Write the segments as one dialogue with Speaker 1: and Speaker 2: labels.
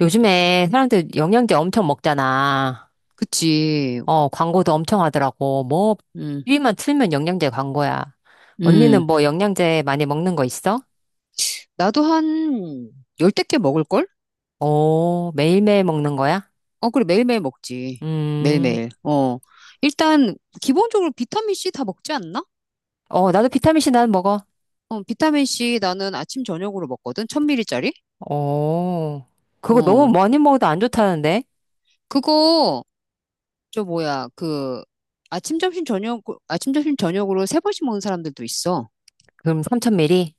Speaker 1: 요즘에 사람들 영양제 엄청 먹잖아.
Speaker 2: 그치.
Speaker 1: 어, 광고도 엄청 하더라고. 뭐,
Speaker 2: 음,
Speaker 1: TV만 틀면 영양제 광고야. 언니는
Speaker 2: 음.
Speaker 1: 뭐 영양제 많이 먹는 거 있어?
Speaker 2: 나도 한 열댓 개 먹을걸?
Speaker 1: 오, 매일매일 먹는 거야?
Speaker 2: 어, 그래. 매일매일 먹지.
Speaker 1: 음,
Speaker 2: 매일매일. 어. 일단, 기본적으로 비타민C 다 먹지 않나?
Speaker 1: 어, 나도 비타민C 난 먹어.
Speaker 2: 어, 비타민C 나는 아침, 저녁으로 먹거든. 1000ml짜리?
Speaker 1: 오, 그거 너무
Speaker 2: 어.
Speaker 1: 많이 먹어도 안 좋다는데?
Speaker 2: 그거, 저 뭐야, 그, 아침, 점심, 저녁, 아침, 점심, 저녁으로 세 번씩 먹는 사람들도 있어.
Speaker 1: 그럼 3000ml?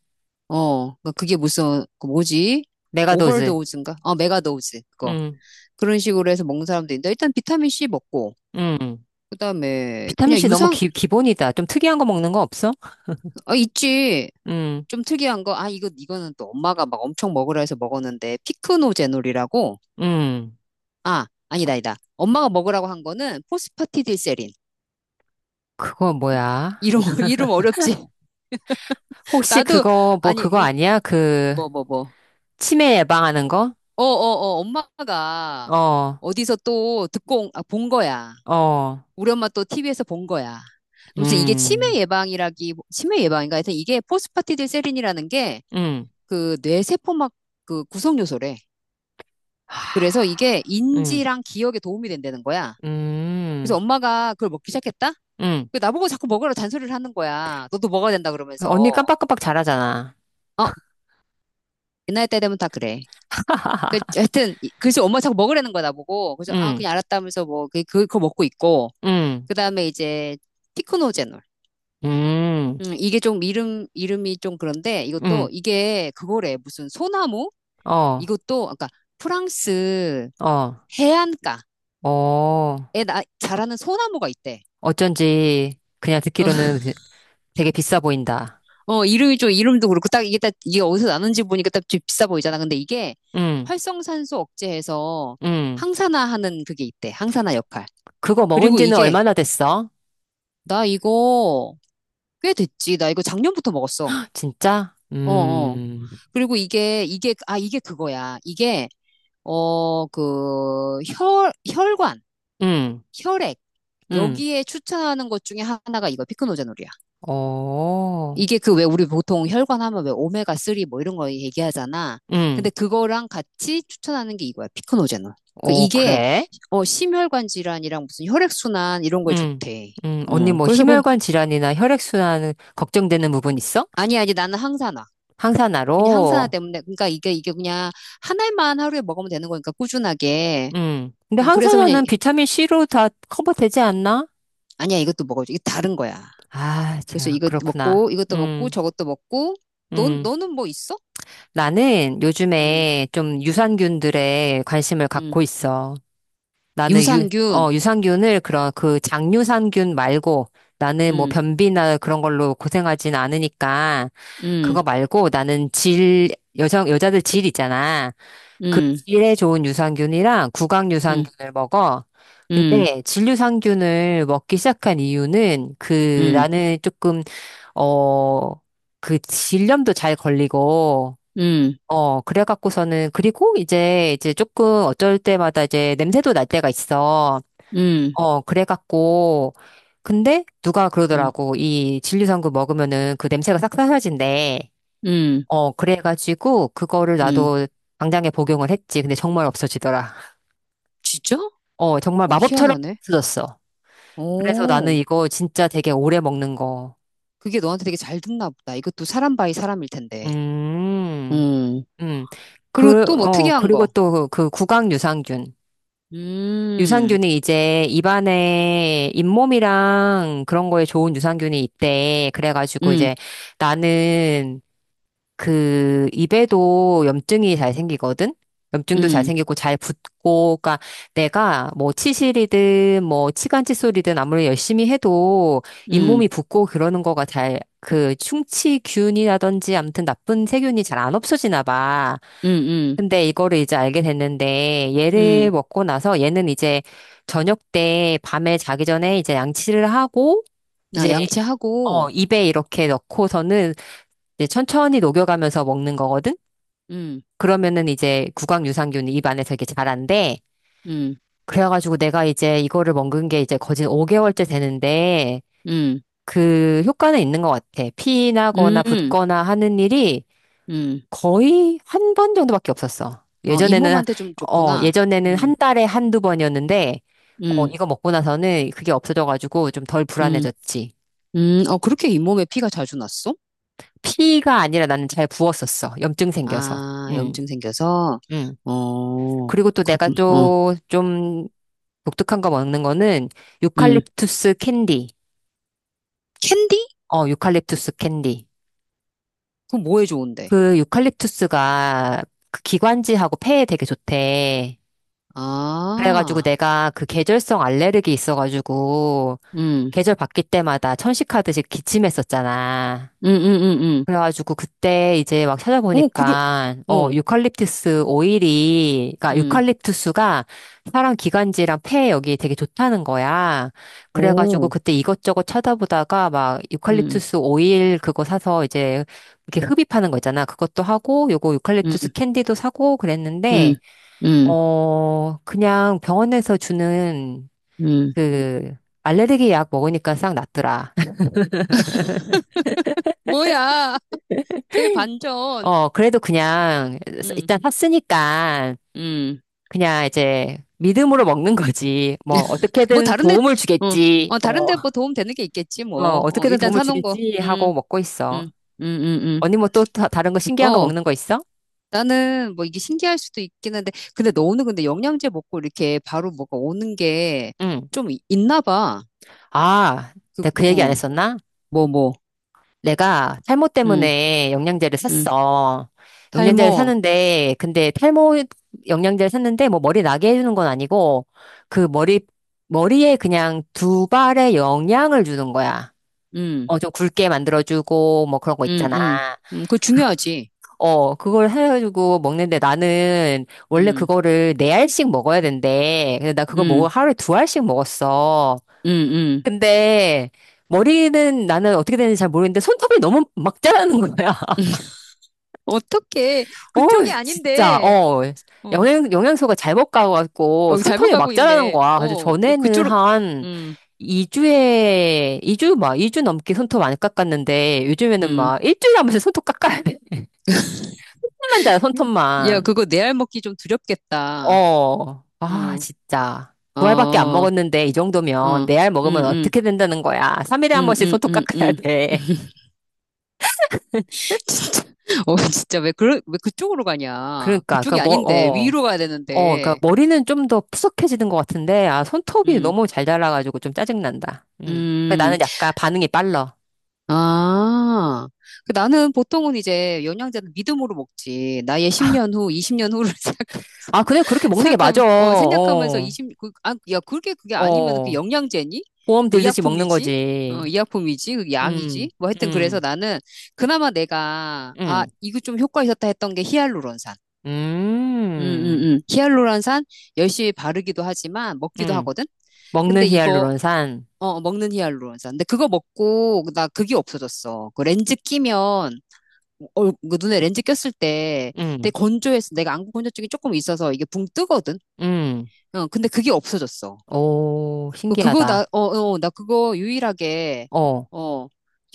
Speaker 2: 어. 그러니까 그게 무슨, 그 뭐지?
Speaker 1: 메가도즈.
Speaker 2: 오버도우즈인가? 어, 메가도우즈. 그거.
Speaker 1: 음,
Speaker 2: 그런 식으로 해서 먹는 사람도 있는데, 일단 비타민C 먹고,
Speaker 1: 음.
Speaker 2: 그다음에 그냥
Speaker 1: 비타민C 너무
Speaker 2: 유상
Speaker 1: 기, 기본이다. 좀 특이한 거 먹는 거 없어?
Speaker 2: 아 있지.
Speaker 1: 음,
Speaker 2: 좀 특이한 거. 아 이거는 또 엄마가 막 엄청 먹으라 해서 먹었는데 피크노 제놀이라고.
Speaker 1: 음.
Speaker 2: 아, 아니다 아니다. 엄마가 먹으라고 한 거는 포스파티딜세린.
Speaker 1: 그거
Speaker 2: 이-
Speaker 1: 뭐야?
Speaker 2: 이름 이름 어렵지.
Speaker 1: 혹시
Speaker 2: 나도
Speaker 1: 그거, 뭐
Speaker 2: 아니
Speaker 1: 그거
Speaker 2: 이,
Speaker 1: 아니야? 그,
Speaker 2: 뭐.
Speaker 1: 치매 예방하는 거?
Speaker 2: 어 어 어 엄마가
Speaker 1: 어,
Speaker 2: 어디서 또 듣고 아, 본 거야.
Speaker 1: 어,
Speaker 2: 우리 엄마 또 TV에서 본 거야. 그래서 이게
Speaker 1: 음,
Speaker 2: 치매 예방인가 하여튼 이게 포스파티딜세린이라는 게
Speaker 1: 음,
Speaker 2: 그 뇌세포막 그 구성 요소래. 그래서
Speaker 1: 하,
Speaker 2: 이게
Speaker 1: 음,
Speaker 2: 인지랑 기억에 도움이 된다는 거야. 그래서
Speaker 1: 음,
Speaker 2: 엄마가 그걸 먹기 시작했다?
Speaker 1: 음.
Speaker 2: 그 나보고 자꾸 먹으라고 잔소리를 하는 거야. 너도 먹어야 된다
Speaker 1: 언니
Speaker 2: 그러면서.
Speaker 1: 깜빡깜빡 잘하잖아.
Speaker 2: 어, 옛날 때 되면 다 그래. 그, 하여튼, 그래서 엄마 자꾸 먹으라는 거야, 나보고. 그래서, 아,
Speaker 1: 음,
Speaker 2: 그냥 알았다면서 뭐, 그거 먹고 있고.
Speaker 1: 음,
Speaker 2: 그 다음에 이제, 피크노제놀.
Speaker 1: 음,
Speaker 2: 이게 좀 이름이 좀 그런데 이것도,
Speaker 1: 음,
Speaker 2: 이게 그거래. 무슨 소나무?
Speaker 1: 어,
Speaker 2: 이것도, 아까 프랑스
Speaker 1: 어,
Speaker 2: 해안가에
Speaker 1: 어.
Speaker 2: 자라는 소나무가 있대.
Speaker 1: 어쩐지 그냥
Speaker 2: 어,
Speaker 1: 듣기로는 그 되게 비싸 보인다.
Speaker 2: 어, 이름이 좀, 이름도 그렇고, 딱 이게 딱, 이게 어디서 나는지 보니까 딱 좀 비싸 보이잖아. 근데 이게
Speaker 1: 음,
Speaker 2: 활성산소 억제해서
Speaker 1: 음.
Speaker 2: 항산화하는 그게 있대. 항산화 역할.
Speaker 1: 그거 먹은
Speaker 2: 그리고
Speaker 1: 지는
Speaker 2: 이게,
Speaker 1: 얼마나 됐어?
Speaker 2: 나 이거 꽤 됐지. 나 이거 작년부터 먹었어.
Speaker 1: 진짜?
Speaker 2: 어, 어. 그리고 이게, 아, 이게 그거야. 이게, 어, 그, 혈관,
Speaker 1: 음,
Speaker 2: 혈액.
Speaker 1: 음.
Speaker 2: 여기에 추천하는 것 중에 하나가 이거, 피크노자놀이야.
Speaker 1: 어,
Speaker 2: 이게 그 왜 우리 보통 혈관 하면 왜 오메가 3 뭐 이런 거 얘기하잖아.
Speaker 1: 응,
Speaker 2: 근데 그거랑 같이 추천하는 게 이거야. 피크노제놀. 그
Speaker 1: 어,
Speaker 2: 이게
Speaker 1: 그래?
Speaker 2: 어 심혈관 질환이랑 무슨 혈액순환 이런 거에
Speaker 1: 응.
Speaker 2: 좋대.
Speaker 1: 언니
Speaker 2: 음.
Speaker 1: 뭐
Speaker 2: 그래서 그
Speaker 1: 심혈관 질환이나 혈액순환 걱정되는 부분 있어?
Speaker 2: 아니 아니 나는 항산화. 그냥 항산화
Speaker 1: 항산화로?
Speaker 2: 때문에 그러니까 이게 그냥 한 알만 하루에 먹으면 되는 거니까 꾸준하게.
Speaker 1: 응. 근데
Speaker 2: 그래서 그냥
Speaker 1: 항산화는 비타민 C로 다 커버되지 않나?
Speaker 2: 아니야 이것도 먹어줘. 이게 다른 거야.
Speaker 1: 아,
Speaker 2: 그래서
Speaker 1: 자,
Speaker 2: 이것도
Speaker 1: 그렇구나.
Speaker 2: 먹고 이것도 먹고 저것도 먹고 너
Speaker 1: 음.
Speaker 2: 너는 뭐 있어?
Speaker 1: 나는
Speaker 2: 음.
Speaker 1: 요즘에 좀 유산균들에 관심을
Speaker 2: 음.
Speaker 1: 갖고 있어. 나는
Speaker 2: 유산균.
Speaker 1: 유산균을 그런 그 장유산균 말고 나는 뭐
Speaker 2: 음.
Speaker 1: 변비나 그런 걸로 고생하진 않으니까 그거
Speaker 2: 음.
Speaker 1: 말고 나는 질, 여성, 여자들 질 있잖아. 그
Speaker 2: 음.
Speaker 1: 질에 좋은 유산균이랑 구강
Speaker 2: 응
Speaker 1: 유산균을 먹어.
Speaker 2: 응
Speaker 1: 근데 질 유산균을 먹기 시작한 이유는 그
Speaker 2: 응
Speaker 1: 나는 조금, 어, 그 질염도 잘 걸리고
Speaker 2: 응
Speaker 1: 어, 그래갖고서는, 그리고 이제 조금 어쩔 때마다 이제 냄새도 날 때가 있어.
Speaker 2: 응
Speaker 1: 어, 그래갖고, 근데 누가
Speaker 2: 응
Speaker 1: 그러더라고. 이 진리성분 먹으면은 그 냄새가 싹 사라진대.
Speaker 2: 응
Speaker 1: 어, 그래가지고 그거를
Speaker 2: 응
Speaker 1: 나도 당장에 복용을 했지. 근데 정말 없어지더라.
Speaker 2: 진짜?
Speaker 1: 어, 정말
Speaker 2: 오,
Speaker 1: 마법처럼
Speaker 2: 희한하네.
Speaker 1: 없어졌어. 그래서 나는
Speaker 2: 오,
Speaker 1: 이거 진짜 되게 오래 먹는 거.
Speaker 2: 그게 너한테 되게 잘 듣나 보다. 이것도 사람 바이 사람일 텐데.
Speaker 1: 음,
Speaker 2: 응
Speaker 1: 음.
Speaker 2: 그리고
Speaker 1: 그,
Speaker 2: 또 뭐
Speaker 1: 어,
Speaker 2: 특이한
Speaker 1: 그리고
Speaker 2: 거.
Speaker 1: 또 그 구강 유산균.
Speaker 2: 음,
Speaker 1: 유산균이 이제 입안에 잇몸이랑 그런 거에 좋은 유산균이 있대. 그래가지고
Speaker 2: 음,
Speaker 1: 이제 나는 그 입에도 염증이 잘 생기거든? 염증도 잘
Speaker 2: 음,
Speaker 1: 생기고 잘 붓고, 그러니까 내가 뭐 치실이든 뭐 치간 칫솔이든 아무리 열심히 해도
Speaker 2: 음,
Speaker 1: 잇몸이 붓고 그러는 거가 잘 그 충치균이라든지 아무튼 나쁜 세균이 잘 안 없어지나 봐.
Speaker 2: 음, 음,
Speaker 1: 근데 이거를 이제 알게 됐는데 얘를
Speaker 2: 음,
Speaker 1: 먹고 나서 얘는 이제 저녁 때 밤에 자기 전에 이제 양치를 하고
Speaker 2: 나
Speaker 1: 이제 어
Speaker 2: 양치하고,
Speaker 1: 입에 이렇게 넣고서는 이제 천천히 녹여가면서 먹는 거거든.
Speaker 2: 음,
Speaker 1: 그러면은 이제 구강 유산균이 입 안에서 이렇게 자란대.
Speaker 2: 음,
Speaker 1: 그래가지고 내가 이제 이거를 먹은 게 이제 거진 5개월째 되는데
Speaker 2: 음,
Speaker 1: 그 효과는 있는 것 같아. 피 나거나
Speaker 2: 음,
Speaker 1: 붓거나 하는 일이
Speaker 2: 음,
Speaker 1: 거의 1번 정도밖에 없었어.
Speaker 2: 어,
Speaker 1: 예전에는,
Speaker 2: 잇몸한테 좀
Speaker 1: 어,
Speaker 2: 좋구나.
Speaker 1: 예전에는
Speaker 2: 음,
Speaker 1: 한 달에 한두 번이었는데, 어,
Speaker 2: 음,
Speaker 1: 이거 먹고 나서는 그게 없어져가지고 좀 덜
Speaker 2: 음.
Speaker 1: 불안해졌지.
Speaker 2: 어, 그렇게 잇몸에 피가 자주 났어?
Speaker 1: 피가 아니라 나는 잘 부었었어. 염증 생겨서.
Speaker 2: 아,
Speaker 1: 음,
Speaker 2: 염증 생겨서?
Speaker 1: 음.
Speaker 2: 어,
Speaker 1: 그리고 또 내가
Speaker 2: 그렇군. 어,
Speaker 1: 또좀 독특한 거 먹는 거는
Speaker 2: 음.
Speaker 1: 유칼립투스 캔디.
Speaker 2: 캔디?
Speaker 1: 어, 유칼립투스 캔디.
Speaker 2: 그거 뭐에 좋은데?
Speaker 1: 그 유칼립투스가 그 기관지하고 폐에 되게 좋대. 그래가지고
Speaker 2: 아,
Speaker 1: 내가 그 계절성 알레르기 있어가지고
Speaker 2: 음,
Speaker 1: 계절 바뀔 때마다 천식하듯이 기침했었잖아.
Speaker 2: 음, 음, 음, 음.
Speaker 1: 그래가지고 그때 이제 막
Speaker 2: 오, 그러,
Speaker 1: 찾아보니까 어
Speaker 2: 오,
Speaker 1: 유칼립투스 오일이 그러니까
Speaker 2: 음,
Speaker 1: 유칼립투스가 사람 기관지랑 폐 여기 되게 좋다는 거야. 그래가지고
Speaker 2: 오,
Speaker 1: 그때 이것저것 찾아보다가 막
Speaker 2: 음,
Speaker 1: 유칼립투스 오일 그거 사서 이제 이렇게 흡입하는 거 있잖아. 그것도 하고 요거
Speaker 2: 음,
Speaker 1: 유칼립투스 캔디도 사고 그랬는데
Speaker 2: 음, 음,
Speaker 1: 어 그냥 병원에서 주는
Speaker 2: 음.
Speaker 1: 그 알레르기 약 먹으니까 싹 낫더라.
Speaker 2: 뭐야, 대반전.
Speaker 1: 어 그래도 그냥
Speaker 2: 음,
Speaker 1: 일단 샀으니까
Speaker 2: 음.
Speaker 1: 그냥 이제 믿음으로 먹는 거지. 뭐
Speaker 2: 뭐,
Speaker 1: 어떻게든
Speaker 2: 다른데,
Speaker 1: 도움을
Speaker 2: 어,
Speaker 1: 주겠지.
Speaker 2: 어,
Speaker 1: 어,
Speaker 2: 다른데 뭐 도움 되는 게 있겠지,
Speaker 1: 어,
Speaker 2: 뭐. 어,
Speaker 1: 어떻게든
Speaker 2: 일단
Speaker 1: 도움을
Speaker 2: 사놓은 거.
Speaker 1: 주겠지 하고 먹고 있어.
Speaker 2: 음, 음, 음, 음.
Speaker 1: 언니 뭐 또 다른 거 신기한 거
Speaker 2: 어.
Speaker 1: 먹는 거 있어?
Speaker 2: 나는 뭐 이게 신기할 수도 있긴 한데, 근데 너는 근데 영양제 먹고 이렇게 바로 뭐가 오는 게
Speaker 1: 응.
Speaker 2: 좀 있나 봐.
Speaker 1: 아,
Speaker 2: 그,
Speaker 1: 내가 그 얘기 안
Speaker 2: 어,
Speaker 1: 했었나?
Speaker 2: 뭐, 뭐,
Speaker 1: 내가 탈모
Speaker 2: 음,
Speaker 1: 때문에 영양제를
Speaker 2: 음,
Speaker 1: 샀어.
Speaker 2: 탈모,
Speaker 1: 영양제를 샀는데 근데 탈모 영양제를 샀는데 뭐 머리 나게 해주는 건 아니고 그 머리에 그냥 두 발의 영양을 주는 거야.
Speaker 2: 음,
Speaker 1: 어, 좀 굵게 만들어주고, 뭐 그런 거
Speaker 2: 음,
Speaker 1: 있잖아.
Speaker 2: 음, 그거 중요하지.
Speaker 1: 어, 그걸 해가지고 먹는데 나는 원래
Speaker 2: 음,
Speaker 1: 그거를 네 알씩 먹어야 된대. 근데 나 그거 먹어
Speaker 2: 음,
Speaker 1: 하루에 두 알씩 먹었어.
Speaker 2: 음, 음.
Speaker 1: 근데 머리는 나는 어떻게 되는지 잘 모르겠는데 손톱이 너무 막 자라는 거야.
Speaker 2: 어떻게,
Speaker 1: 어,
Speaker 2: 그쪽이
Speaker 1: 진짜.
Speaker 2: 아닌데,
Speaker 1: 어,
Speaker 2: 어,
Speaker 1: 영양소가 잘못 가갖고
Speaker 2: 어, 잘못
Speaker 1: 손톱이
Speaker 2: 가고
Speaker 1: 막 자라는
Speaker 2: 있네.
Speaker 1: 거야. 그래서
Speaker 2: 어,
Speaker 1: 전에는
Speaker 2: 그쪽으로,
Speaker 1: 한
Speaker 2: 음,
Speaker 1: 2주 넘게 손톱 안 깎았는데 요즘에는
Speaker 2: 음.
Speaker 1: 막 일주일에 한 번씩 손톱 깎아야 돼. 손톱만 자라,
Speaker 2: 야,
Speaker 1: 손톱만.
Speaker 2: 그거 내알 먹기 좀 두렵겠다.
Speaker 1: 어, 아,
Speaker 2: 어,
Speaker 1: 진짜.
Speaker 2: 어,
Speaker 1: 두 알밖에 안
Speaker 2: 어,
Speaker 1: 먹었는데 이 정도면
Speaker 2: 음,
Speaker 1: 네 알 먹으면
Speaker 2: 음.
Speaker 1: 어떻게 된다는 거야. 3일에 한
Speaker 2: 음,
Speaker 1: 번씩
Speaker 2: 음,
Speaker 1: 소독
Speaker 2: 음,
Speaker 1: 깎아야
Speaker 2: 음.
Speaker 1: 돼.
Speaker 2: 진짜. 어, 진짜 왜 그 왜 그쪽으로 가냐?
Speaker 1: 그러니까, 그
Speaker 2: 그쪽이
Speaker 1: 뭐,
Speaker 2: 아닌데
Speaker 1: 어,
Speaker 2: 위로 가야
Speaker 1: 어, 그러니까
Speaker 2: 되는데.
Speaker 1: 머리는 좀 더 푸석해지는 것 같은데, 아, 손톱이
Speaker 2: 음.
Speaker 1: 너무 잘 자라가지고 좀 짜증난다. 음. 그
Speaker 2: 음.
Speaker 1: 나는 약간 반응이 빨라.
Speaker 2: 아. 그 나는 보통은 이제 영양제는 믿음으로 먹지. 나의 10년 후, 20년 후를
Speaker 1: 아, 그냥 그렇게 먹는 게 맞아.
Speaker 2: 생각하면 어, 생각하면서
Speaker 1: 어,
Speaker 2: 20 그, 아, 야, 그게 아니면 그
Speaker 1: 어.
Speaker 2: 영양제니?
Speaker 1: 보험 들듯이 먹는
Speaker 2: 의약품이지? 어,
Speaker 1: 거지.
Speaker 2: 의약품이지? 그
Speaker 1: 음,
Speaker 2: 약이지? 뭐 하여튼 그래서
Speaker 1: 음,
Speaker 2: 나는 그나마 내가 아,
Speaker 1: 음,
Speaker 2: 이거 좀 효과 있었다 했던 게 히알루론산.
Speaker 1: 음,
Speaker 2: 히알루론산 열심히 바르기도 하지만 먹기도
Speaker 1: 음.
Speaker 2: 하거든?
Speaker 1: 먹는
Speaker 2: 근데 이거,
Speaker 1: 히알루론산.
Speaker 2: 어, 먹는 히알루론산. 근데 그거 먹고, 나 그게 없어졌어. 그 렌즈 끼면, 얼, 그 눈에 렌즈 꼈을 때 되게
Speaker 1: 음,
Speaker 2: 건조해서 내가 안구 건조증이 조금 있어서 이게 붕 뜨거든?
Speaker 1: 음.
Speaker 2: 어, 근데 그게 없어졌어.
Speaker 1: 오,
Speaker 2: 그거 나,
Speaker 1: 신기하다.
Speaker 2: 어, 어, 나 그거 유일하게,
Speaker 1: 어,
Speaker 2: 어,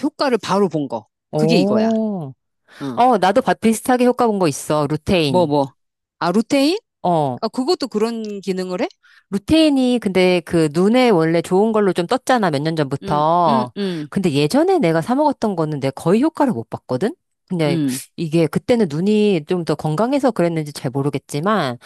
Speaker 2: 효과를 바로 본 거. 그게 이거야.
Speaker 1: 오.
Speaker 2: 어,
Speaker 1: 어, 나도 바- 비슷하게 효과 본 거 있어.
Speaker 2: 뭐,
Speaker 1: 루테인.
Speaker 2: 뭐. 아, 루테인?
Speaker 1: 어,
Speaker 2: 아, 그것도 그런 기능을 해?
Speaker 1: 루테인이 근데 그 눈에 원래 좋은 걸로 좀 떴잖아, 몇 년
Speaker 2: 응, 응,
Speaker 1: 전부터.
Speaker 2: 응,
Speaker 1: 근데 예전에 내가 사 먹었던 거는 내가 거의 효과를 못 봤거든? 그냥
Speaker 2: 응,
Speaker 1: 이게 그때는 눈이 좀 더 건강해서 그랬는지 잘 모르겠지만,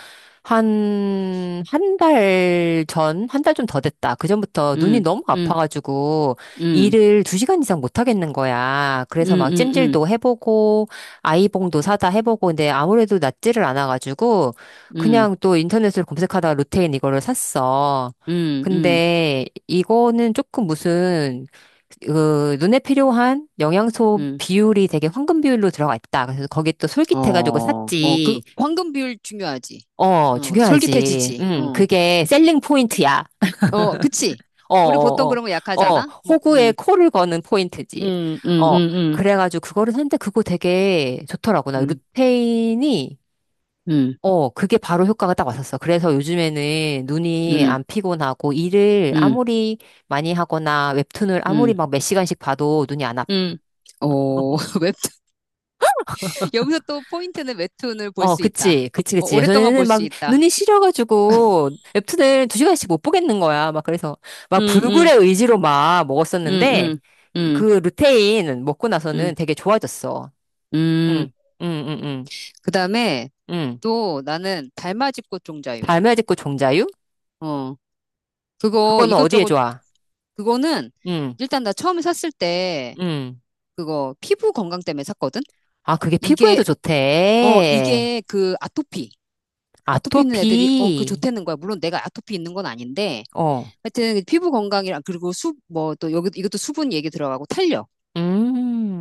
Speaker 1: 한 달 전, 한 달 좀 더 됐다. 그전부터 눈이
Speaker 2: 응.
Speaker 1: 너무
Speaker 2: 응.
Speaker 1: 아파가지고
Speaker 2: 음,
Speaker 1: 일을 2시간 이상 못 하겠는 거야.
Speaker 2: 음,
Speaker 1: 그래서 막
Speaker 2: 음, 음,
Speaker 1: 찜질도 해보고, 아이봉도 사다 해보고, 근데 아무래도 낫지를 않아가지고,
Speaker 2: 음,
Speaker 1: 그냥 또 인터넷을 검색하다가 루테인 이거를 샀어.
Speaker 2: 음, 음,
Speaker 1: 근데 이거는 조금 무슨 그 눈에 필요한 영양소
Speaker 2: 음.
Speaker 1: 비율이 되게 황금 비율로 들어가 있다. 그래서 거기 또 솔깃해가지고
Speaker 2: 어, 어, 그
Speaker 1: 샀지.
Speaker 2: 황금 비율 중요하지.
Speaker 1: 어,
Speaker 2: 어,
Speaker 1: 중요하지.
Speaker 2: 솔깃해지지. 어,
Speaker 1: 그게 셀링 포인트야.
Speaker 2: 어, 그치.
Speaker 1: 어,
Speaker 2: 우리 보통
Speaker 1: 어, 어.
Speaker 2: 그런 거
Speaker 1: 어,
Speaker 2: 약하잖아. 뭐,
Speaker 1: 호구에 코를 거는 포인트지.
Speaker 2: 음, 음,
Speaker 1: 어,
Speaker 2: 음,
Speaker 1: 그래가지고 그거를 샀는데 그거 되게 좋더라고. 나
Speaker 2: 음,
Speaker 1: 루테인이
Speaker 2: 음,
Speaker 1: 어, 그게 바로 효과가 딱 왔었어. 그래서 요즘에는 눈이 안
Speaker 2: 음,
Speaker 1: 피곤하고 일을
Speaker 2: 음,
Speaker 1: 아무리 많이 하거나 웹툰을 아무리
Speaker 2: 음,
Speaker 1: 막 몇 시간씩 봐도 눈이 안 아파.
Speaker 2: 음. 어, 웹툰. 여기서 또 포인트는 웹툰을 볼
Speaker 1: 어,
Speaker 2: 수 있다.
Speaker 1: 그치, 그치,
Speaker 2: 어,
Speaker 1: 그치.
Speaker 2: 오랫동안
Speaker 1: 예전에는
Speaker 2: 볼
Speaker 1: 막
Speaker 2: 수 있다.
Speaker 1: 눈이 시려가지고 웹툰을 두 시간씩 못 보겠는 거야. 막 그래서
Speaker 2: 음,
Speaker 1: 막
Speaker 2: 음,
Speaker 1: 불굴의 의지로 막
Speaker 2: 음,
Speaker 1: 먹었었는데
Speaker 2: 음, 음,
Speaker 1: 그 루테인 먹고 나서는
Speaker 2: 음,
Speaker 1: 되게 좋아졌어.
Speaker 2: 음.
Speaker 1: 응, 응, 응, 응,
Speaker 2: 그 다음에
Speaker 1: 응.
Speaker 2: 또 나는 달맞이 꽃 종자유.
Speaker 1: 달매직고 종자유?
Speaker 2: 어. 그거
Speaker 1: 그거는 어디에
Speaker 2: 이것저것
Speaker 1: 좋아?
Speaker 2: 그거는
Speaker 1: 응,
Speaker 2: 일단 나 처음에 샀을 때
Speaker 1: 응.
Speaker 2: 그거 피부 건강 때문에 샀거든.
Speaker 1: 아, 그게
Speaker 2: 이게
Speaker 1: 피부에도
Speaker 2: 어
Speaker 1: 좋대.
Speaker 2: 이게 그 아토피 아토피 있는
Speaker 1: 아토피.
Speaker 2: 애들이 어 그 좋다는 거야. 물론 내가 아토피 있는 건 아닌데
Speaker 1: 어.
Speaker 2: 하여튼 피부 건강이랑 그리고 수 뭐 또 여기 이것도 수분 얘기 들어가고 탄력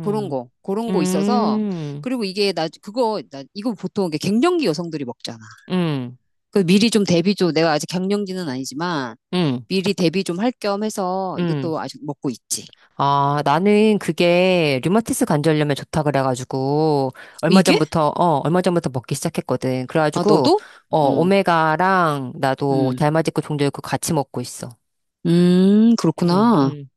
Speaker 2: 그런 거 그런 거 있어서
Speaker 1: 음.
Speaker 2: 그리고 이게 나 그거 나 이거 보통 이게 갱년기 여성들이 먹잖아.
Speaker 1: 음.
Speaker 2: 그 미리 좀 대비 좀 내가 아직 갱년기는 아니지만
Speaker 1: 음.
Speaker 2: 미리 대비 좀 할 겸 해서
Speaker 1: 음.
Speaker 2: 이것도 아직 먹고 있지.
Speaker 1: 아, 나는 그게 류마티스 관절염에 좋다 그래가지고 얼마
Speaker 2: 이게
Speaker 1: 전부터 어, 얼마 전부터 먹기 시작했거든.
Speaker 2: 아,
Speaker 1: 그래가지고
Speaker 2: 너도?
Speaker 1: 어,
Speaker 2: 어,
Speaker 1: 오메가랑 나도
Speaker 2: 음,
Speaker 1: 달맞이고 종려있고 같이 먹고 있어. 음,
Speaker 2: 그렇구나.
Speaker 1: 음.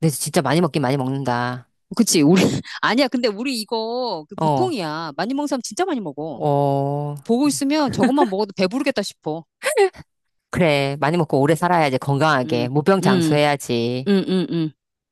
Speaker 1: 근데 진짜 많이 먹긴 많이 먹는다.
Speaker 2: 그치, 우리, 아니야, 근데 우리 이거, 그
Speaker 1: 어.
Speaker 2: 보통이야. 많이 먹는 사람 진짜 많이 먹어.
Speaker 1: 어.
Speaker 2: 보고 있으면 저것만 먹어도 배부르겠다 싶어.
Speaker 1: 그래, 많이 먹고 오래 살아야지, 건강하게.
Speaker 2: 음, 음,
Speaker 1: 무병장수해야지.
Speaker 2: 음, 음, 음.